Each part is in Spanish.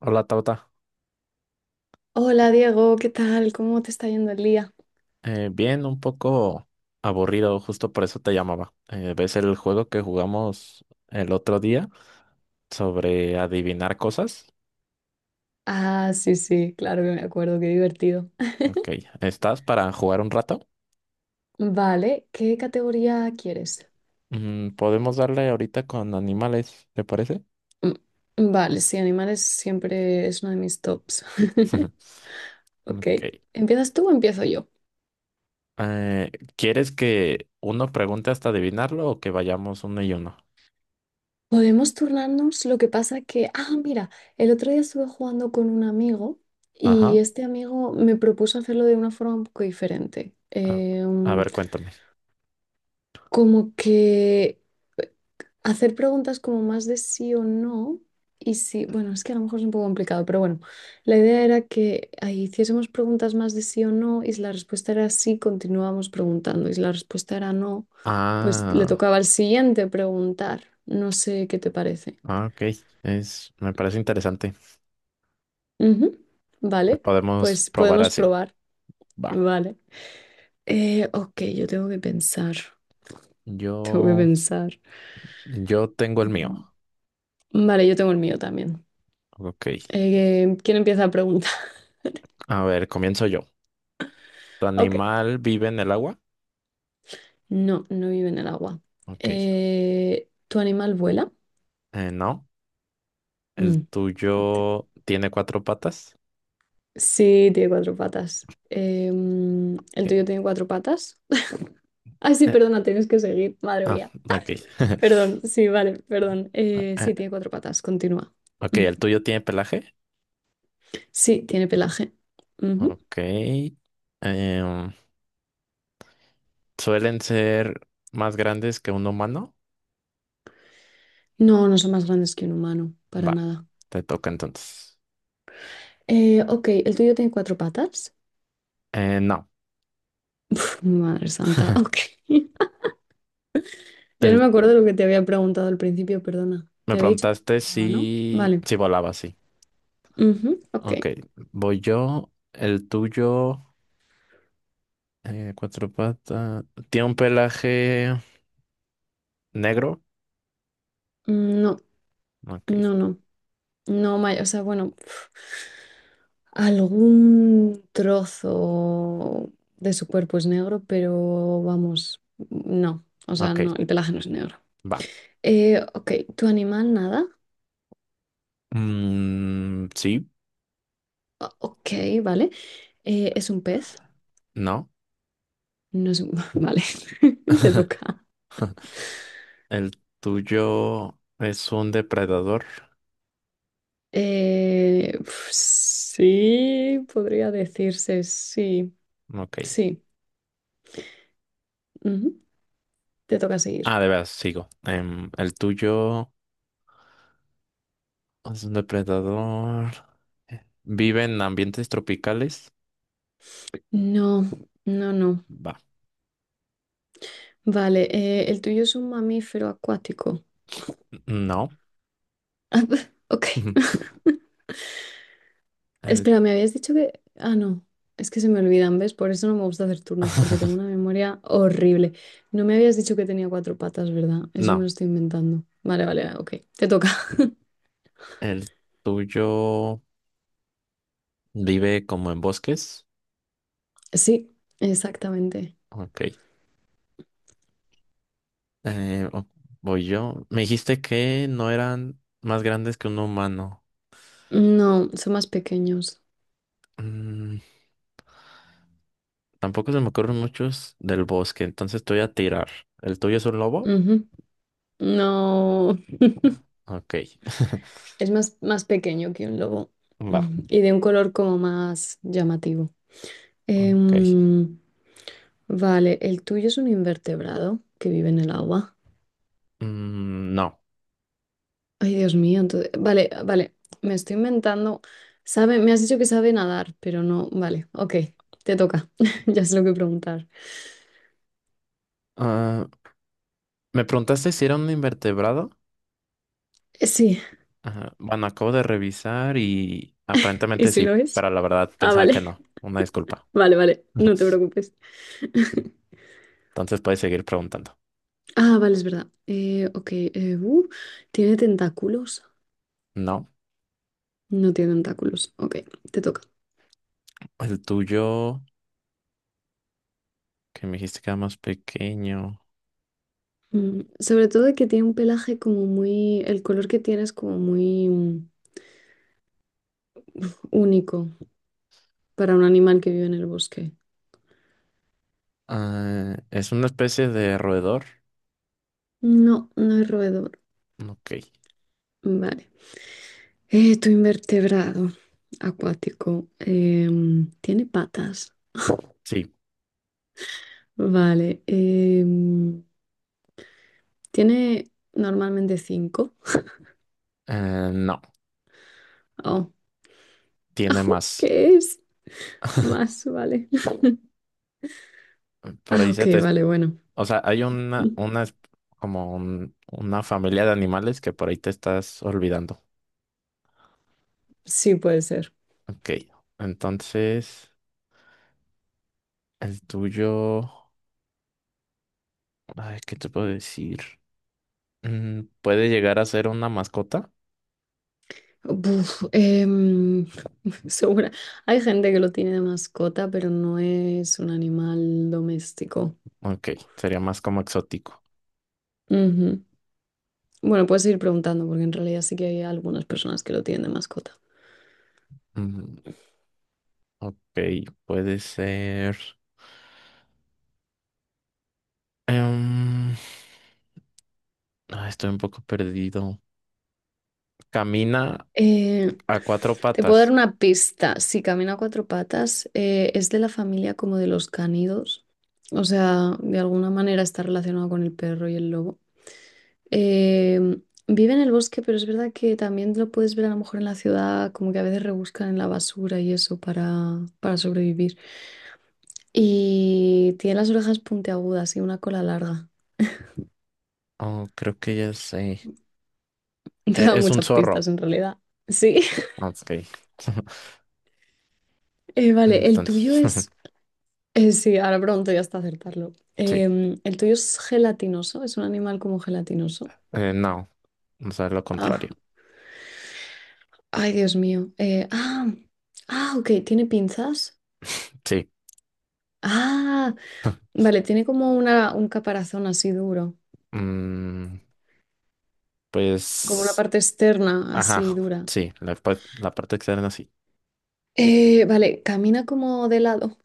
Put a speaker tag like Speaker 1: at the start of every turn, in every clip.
Speaker 1: Hola, Tauta.
Speaker 2: Hola Diego, ¿qué tal? ¿Cómo te está yendo el día?
Speaker 1: Bien, un poco aburrido, justo por eso te llamaba. ¿Ves el juego que jugamos el otro día sobre adivinar cosas?
Speaker 2: Ah, sí, sí, claro que me acuerdo, qué divertido.
Speaker 1: Ok, ¿estás para jugar un rato?
Speaker 2: Vale, ¿qué categoría quieres?
Speaker 1: Podemos darle ahorita con animales, ¿te parece?
Speaker 2: Mm, Vale, sí, animales siempre es uno de mis tops. Ok,
Speaker 1: Ok.
Speaker 2: ¿empiezas tú o empiezo yo?
Speaker 1: Eh, ¿Quieres que uno pregunte hasta adivinarlo o que vayamos uno y uno?
Speaker 2: Podemos turnarnos, lo que pasa que, mira, el otro día estuve jugando con un amigo y
Speaker 1: Ajá.
Speaker 2: este amigo me propuso hacerlo de una forma un poco diferente.
Speaker 1: A, a ver, cuéntame.
Speaker 2: Como que hacer preguntas como más de sí o no. Y sí, bueno, es que a lo mejor es un poco complicado, pero bueno, la idea era que ahí hiciésemos preguntas más de sí o no, y si la respuesta era sí, continuábamos preguntando, y si la respuesta era no, pues le
Speaker 1: Ah,
Speaker 2: tocaba al siguiente preguntar. No sé qué te parece.
Speaker 1: ah, ok. Me parece interesante.
Speaker 2: Ujú,
Speaker 1: Pues
Speaker 2: vale,
Speaker 1: podemos
Speaker 2: pues
Speaker 1: probar
Speaker 2: podemos
Speaker 1: así.
Speaker 2: probar.
Speaker 1: Va.
Speaker 2: Vale. Ok, yo tengo que pensar. Tengo que
Speaker 1: Yo,
Speaker 2: pensar.
Speaker 1: yo tengo el mío.
Speaker 2: Mm, vale, yo tengo el mío también.
Speaker 1: Ok.
Speaker 2: ¿Quién empieza a preguntar?
Speaker 1: A ver, comienzo yo. ¿Tu
Speaker 2: Ok.
Speaker 1: animal vive en el agua?
Speaker 2: No, no vive en el agua.
Speaker 1: Ok.
Speaker 2: ¿Tu animal vuela?
Speaker 1: No. ¿El
Speaker 2: Mm, ok.
Speaker 1: tuyo tiene cuatro patas?
Speaker 2: Sí, tiene cuatro patas. ¿El
Speaker 1: Ok.
Speaker 2: tuyo tiene cuatro patas? Ay, sí,
Speaker 1: Eh,
Speaker 2: perdona, tienes que seguir. Madre
Speaker 1: ah,
Speaker 2: mía.
Speaker 1: ok.
Speaker 2: Perdón, sí, vale, perdón.
Speaker 1: Ah,
Speaker 2: Sí,
Speaker 1: Eh,
Speaker 2: tiene cuatro patas. Continúa.
Speaker 1: Ok,
Speaker 2: Mm.
Speaker 1: ¿el tuyo tiene pelaje?
Speaker 2: Sí, tiene pelaje. Ujú.
Speaker 1: Ok. Em, ¿Suelen ser más grandes que un humano?
Speaker 2: No, no son más grandes que un humano, para
Speaker 1: Va,
Speaker 2: nada.
Speaker 1: te toca entonces.
Speaker 2: Ok, ¿el tuyo tiene cuatro patas?
Speaker 1: No.
Speaker 2: Uf, madre santa, ok. Ya no me
Speaker 1: El,
Speaker 2: acuerdo lo que te había preguntado al principio, perdona.
Speaker 1: me
Speaker 2: Te había dicho que
Speaker 1: preguntaste
Speaker 2: andaba, ¿no?
Speaker 1: si,
Speaker 2: Vale.
Speaker 1: si volaba, sí.
Speaker 2: Ujú,
Speaker 1: Ok,
Speaker 2: ok.
Speaker 1: voy yo. ¿El tuyo? Cuatro patas. Tiene un pelaje negro.
Speaker 2: Mm, no,
Speaker 1: Ok,
Speaker 2: no, no. No, ma- o sea, bueno, pf, algún trozo de su cuerpo es negro, pero vamos, no. O sea,
Speaker 1: ok,
Speaker 2: no, el pelaje no es negro.
Speaker 1: va.
Speaker 2: Ok, ¿tu animal nada?
Speaker 1: Mm, sí,
Speaker 2: O- ok, vale. ¿Es un pez?
Speaker 1: no.
Speaker 2: No es un... Vale, te toca.
Speaker 1: El tuyo es un depredador.
Speaker 2: Pf, sí, podría decirse, sí,
Speaker 1: Ok.
Speaker 2: sí. Ujú, te toca seguir.
Speaker 1: Ah, de veras, sigo. El tuyo es un depredador. ¿Vive en ambientes tropicales?
Speaker 2: No, no, no.
Speaker 1: Va.
Speaker 2: Vale, el tuyo es un mamífero acuático.
Speaker 1: No.
Speaker 2: Ok.
Speaker 1: El...
Speaker 2: Espera, me habías dicho que... Ah, no. Es que se me olvidan, ¿ves? Por eso no me gusta hacer turnos, porque tengo una memoria horrible. No me habías dicho que tenía cuatro patas, ¿verdad? Eso me lo
Speaker 1: No.
Speaker 2: estoy inventando. Vale, vale, vale, ok. Te toca.
Speaker 1: El tuyo vive como en bosques.
Speaker 2: Sí, exactamente.
Speaker 1: Ok. Eh, o- Voy yo. Me dijiste que no eran más grandes que un humano.
Speaker 2: No, son más pequeños.
Speaker 1: Mm, Tampoco se me ocurren muchos del bosque, entonces te voy a tirar. ¿El tuyo es un lobo?
Speaker 2: Ujú. No,
Speaker 1: Ok.
Speaker 2: es más, más pequeño que un lobo.
Speaker 1: Va.
Speaker 2: Mm, y de un color como más llamativo.
Speaker 1: Ok.
Speaker 2: Em, Vale, el tuyo es un invertebrado que vive en el agua.
Speaker 1: Mm, no.
Speaker 2: Ay, Dios mío, entonces... Vale, vale, me estoy inventando. Sabe, me has dicho que sabe nadar, pero no... Vale, ok, te toca. Ya sé lo que preguntar.
Speaker 1: Ah, me preguntaste si era un invertebrado.
Speaker 2: Sí,
Speaker 1: Ajá. Bueno, acabo de revisar y
Speaker 2: ¿y
Speaker 1: aparentemente
Speaker 2: si lo
Speaker 1: sí,
Speaker 2: es?
Speaker 1: pero la verdad
Speaker 2: Ah,
Speaker 1: pensaba que
Speaker 2: vale,
Speaker 1: no. Una disculpa.
Speaker 2: vale, vale, no te preocupes.
Speaker 1: Entonces puedes seguir preguntando.
Speaker 2: Ah, vale, es verdad. Ok, ¿tiene tentáculos?
Speaker 1: No.
Speaker 2: No tiene tentáculos. Ok, te toca.
Speaker 1: El tuyo, que me dijiste que era más pequeño.
Speaker 2: Mm, sobre todo que tiene un pelaje como muy... El color que tiene es como muy único. Para un animal que vive en el bosque.
Speaker 1: Ah, ¿es una especie de roedor?
Speaker 2: No, no es roedor.
Speaker 1: Ok,
Speaker 2: Vale. Tu invertebrado acuático tiene patas.
Speaker 1: sí.
Speaker 2: Vale. Tiene normalmente cinco.
Speaker 1: No,
Speaker 2: Oh.
Speaker 1: tiene
Speaker 2: Au,
Speaker 1: más.
Speaker 2: ¿qué es? Más, vale.
Speaker 1: Por
Speaker 2: Ah,
Speaker 1: ahí se
Speaker 2: ok,
Speaker 1: te...
Speaker 2: vale, bueno.
Speaker 1: O sea, hay una una familia de animales que por ahí te estás olvidando.
Speaker 2: Sí, puede ser.
Speaker 1: Ok, entonces el tuyo... Ay, ¿qué te puedo decir? ¿Puede llegar a ser una mascota?
Speaker 2: Buf, segura. Hay gente que lo tiene de mascota, pero no es un animal doméstico.
Speaker 1: Ok, sería más como exótico.
Speaker 2: Ujú. Bueno, puedes seguir preguntando porque en realidad sí que hay algunas personas que lo tienen de mascota.
Speaker 1: Mm, ok, puede ser... em, Estoy un poco perdido. Camina
Speaker 2: Eh,
Speaker 1: a cuatro
Speaker 2: Te puedo dar
Speaker 1: patas.
Speaker 2: una pista. Si camina a cuatro patas, es de la familia como de los canidos. O sea, de alguna manera está relacionado con el perro y el lobo. Eh, Vive en el bosque, pero es verdad que también lo puedes ver a lo mejor en la ciudad, como que a veces rebuscan en la basura y eso para sobrevivir. Y tiene las orejas puntiagudas y una cola larga.
Speaker 1: Oh, creo que ya sé.
Speaker 2: Te da
Speaker 1: Es un
Speaker 2: muchas
Speaker 1: zorro.
Speaker 2: pistas en realidad. Sí.
Speaker 1: Ok.
Speaker 2: Vale, el tuyo
Speaker 1: Entonces,
Speaker 2: es... sí, ahora pronto ya está acertarlo.
Speaker 1: sí.
Speaker 2: El tuyo es gelatinoso, es un animal como gelatinoso.
Speaker 1: No. O sea, lo
Speaker 2: Ah,
Speaker 1: contrario.
Speaker 2: ay, Dios mío. Ok, ¿tiene pinzas?
Speaker 1: Sí.
Speaker 2: Ah, vale, tiene como una, un caparazón así duro,
Speaker 1: Mm,
Speaker 2: como una
Speaker 1: pues,
Speaker 2: parte externa
Speaker 1: ajá.
Speaker 2: así dura.
Speaker 1: Sí, la, la parte externa sí.
Speaker 2: Vale, camina como de lado.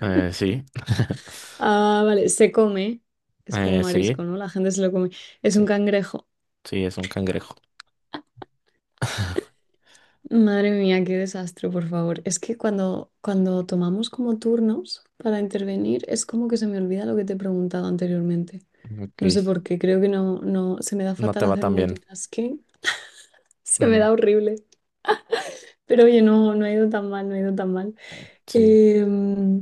Speaker 1: Sí.
Speaker 2: Ah, vale, se come. Es como marisco,
Speaker 1: Sí.
Speaker 2: ¿no? La gente se lo come. Es un
Speaker 1: Sí.
Speaker 2: cangrejo.
Speaker 1: Sí, es un cangrejo.
Speaker 2: Madre mía, qué desastre, por favor. Es que cuando, cuando tomamos como turnos para intervenir, es como que se me olvida lo que te he preguntado anteriormente.
Speaker 1: Ok.
Speaker 2: No sé por qué, creo que no, no, se me da
Speaker 1: No
Speaker 2: fatal
Speaker 1: te va
Speaker 2: hacer
Speaker 1: tan bien.
Speaker 2: multitasking. Se me
Speaker 1: Mm,
Speaker 2: da horrible. Pero oye, no, no ha ido tan mal, no ha ido tan mal.
Speaker 1: sí.
Speaker 2: Em,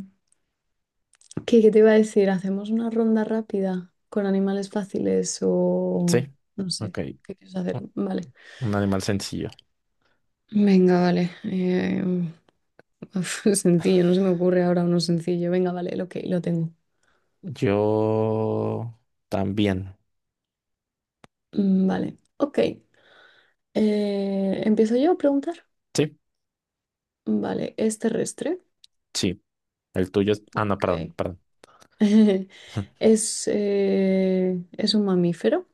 Speaker 2: ¿Qué, qué te iba a decir? ¿Hacemos una ronda rápida con animales fáciles o
Speaker 1: Sí.
Speaker 2: no sé?
Speaker 1: Ok.
Speaker 2: ¿Qué quieres hacer?
Speaker 1: Un
Speaker 2: Vale.
Speaker 1: un animal sencillo.
Speaker 2: Venga, vale. Uf, sencillo, no se me ocurre ahora uno sencillo. Venga, vale, ok, lo tengo.
Speaker 1: Yo también.
Speaker 2: Mm, vale, ok. ¿Empiezo yo a preguntar?
Speaker 1: Sí,
Speaker 2: Vale, ¿es terrestre?
Speaker 1: sí. El tuyo es... Ah, no,
Speaker 2: Ok.
Speaker 1: perdón.
Speaker 2: Es un mamífero?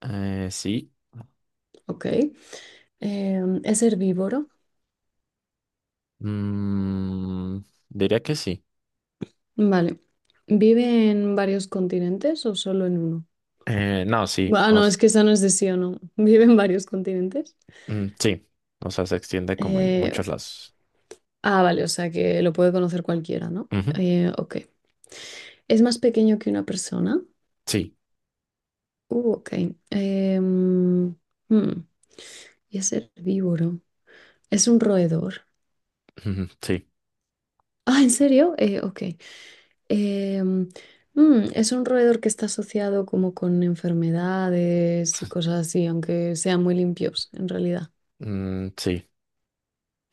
Speaker 1: Sí.
Speaker 2: Ok. ¿Es herbívoro?
Speaker 1: Mm, Diría que sí.
Speaker 2: Vale. ¿Vive en varios continentes o solo en uno?
Speaker 1: No, sí.
Speaker 2: Bu- ah, no, es que esa no es de sí o no. Vive en varios continentes.
Speaker 1: Sí. O sea, se extiende como en
Speaker 2: Eh,
Speaker 1: muchos lados.
Speaker 2: vale, o sea que lo puede conocer cualquiera, ¿no?
Speaker 1: Ujú,
Speaker 2: Ok. ¿Es más pequeño que una persona?
Speaker 1: sí.
Speaker 2: Ok. Em, hmm, Y es herbívoro. Es un roedor.
Speaker 1: Ujú, sí.
Speaker 2: Ah, ¿en serio? Ok. Em, es un roedor que está asociado como con enfermedades y cosas así, aunque sean muy limpios en realidad.
Speaker 1: Mm, sí.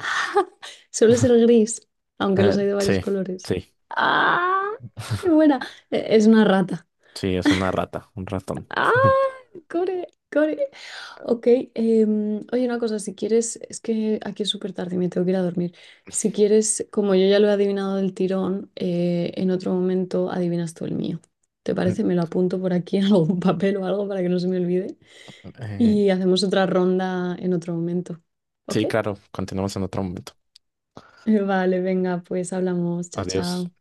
Speaker 2: Suele ser gris, aunque
Speaker 1: Eh,
Speaker 2: los hay de varios
Speaker 1: sí.
Speaker 2: colores.
Speaker 1: Sí.
Speaker 2: ¡Ah! ¡Qué buena! Es una rata.
Speaker 1: Sí, es una rata, un ratón.
Speaker 2: Ah, core, core. Ok, oye, una cosa, si quieres, es que aquí es súper tarde y me tengo que ir a dormir. Si quieres, como yo ya lo he adivinado del tirón, en otro momento adivinas tú el mío. ¿Te
Speaker 1: Mm,
Speaker 2: parece? Me lo apunto por aquí en algún papel o algo para que no se me olvide.
Speaker 1: eh,
Speaker 2: Y hacemos otra ronda en otro momento. ¿Ok?
Speaker 1: sí, claro. Continuamos en otro momento.
Speaker 2: Vale, venga, pues hablamos. Chao,
Speaker 1: Adiós.
Speaker 2: chao.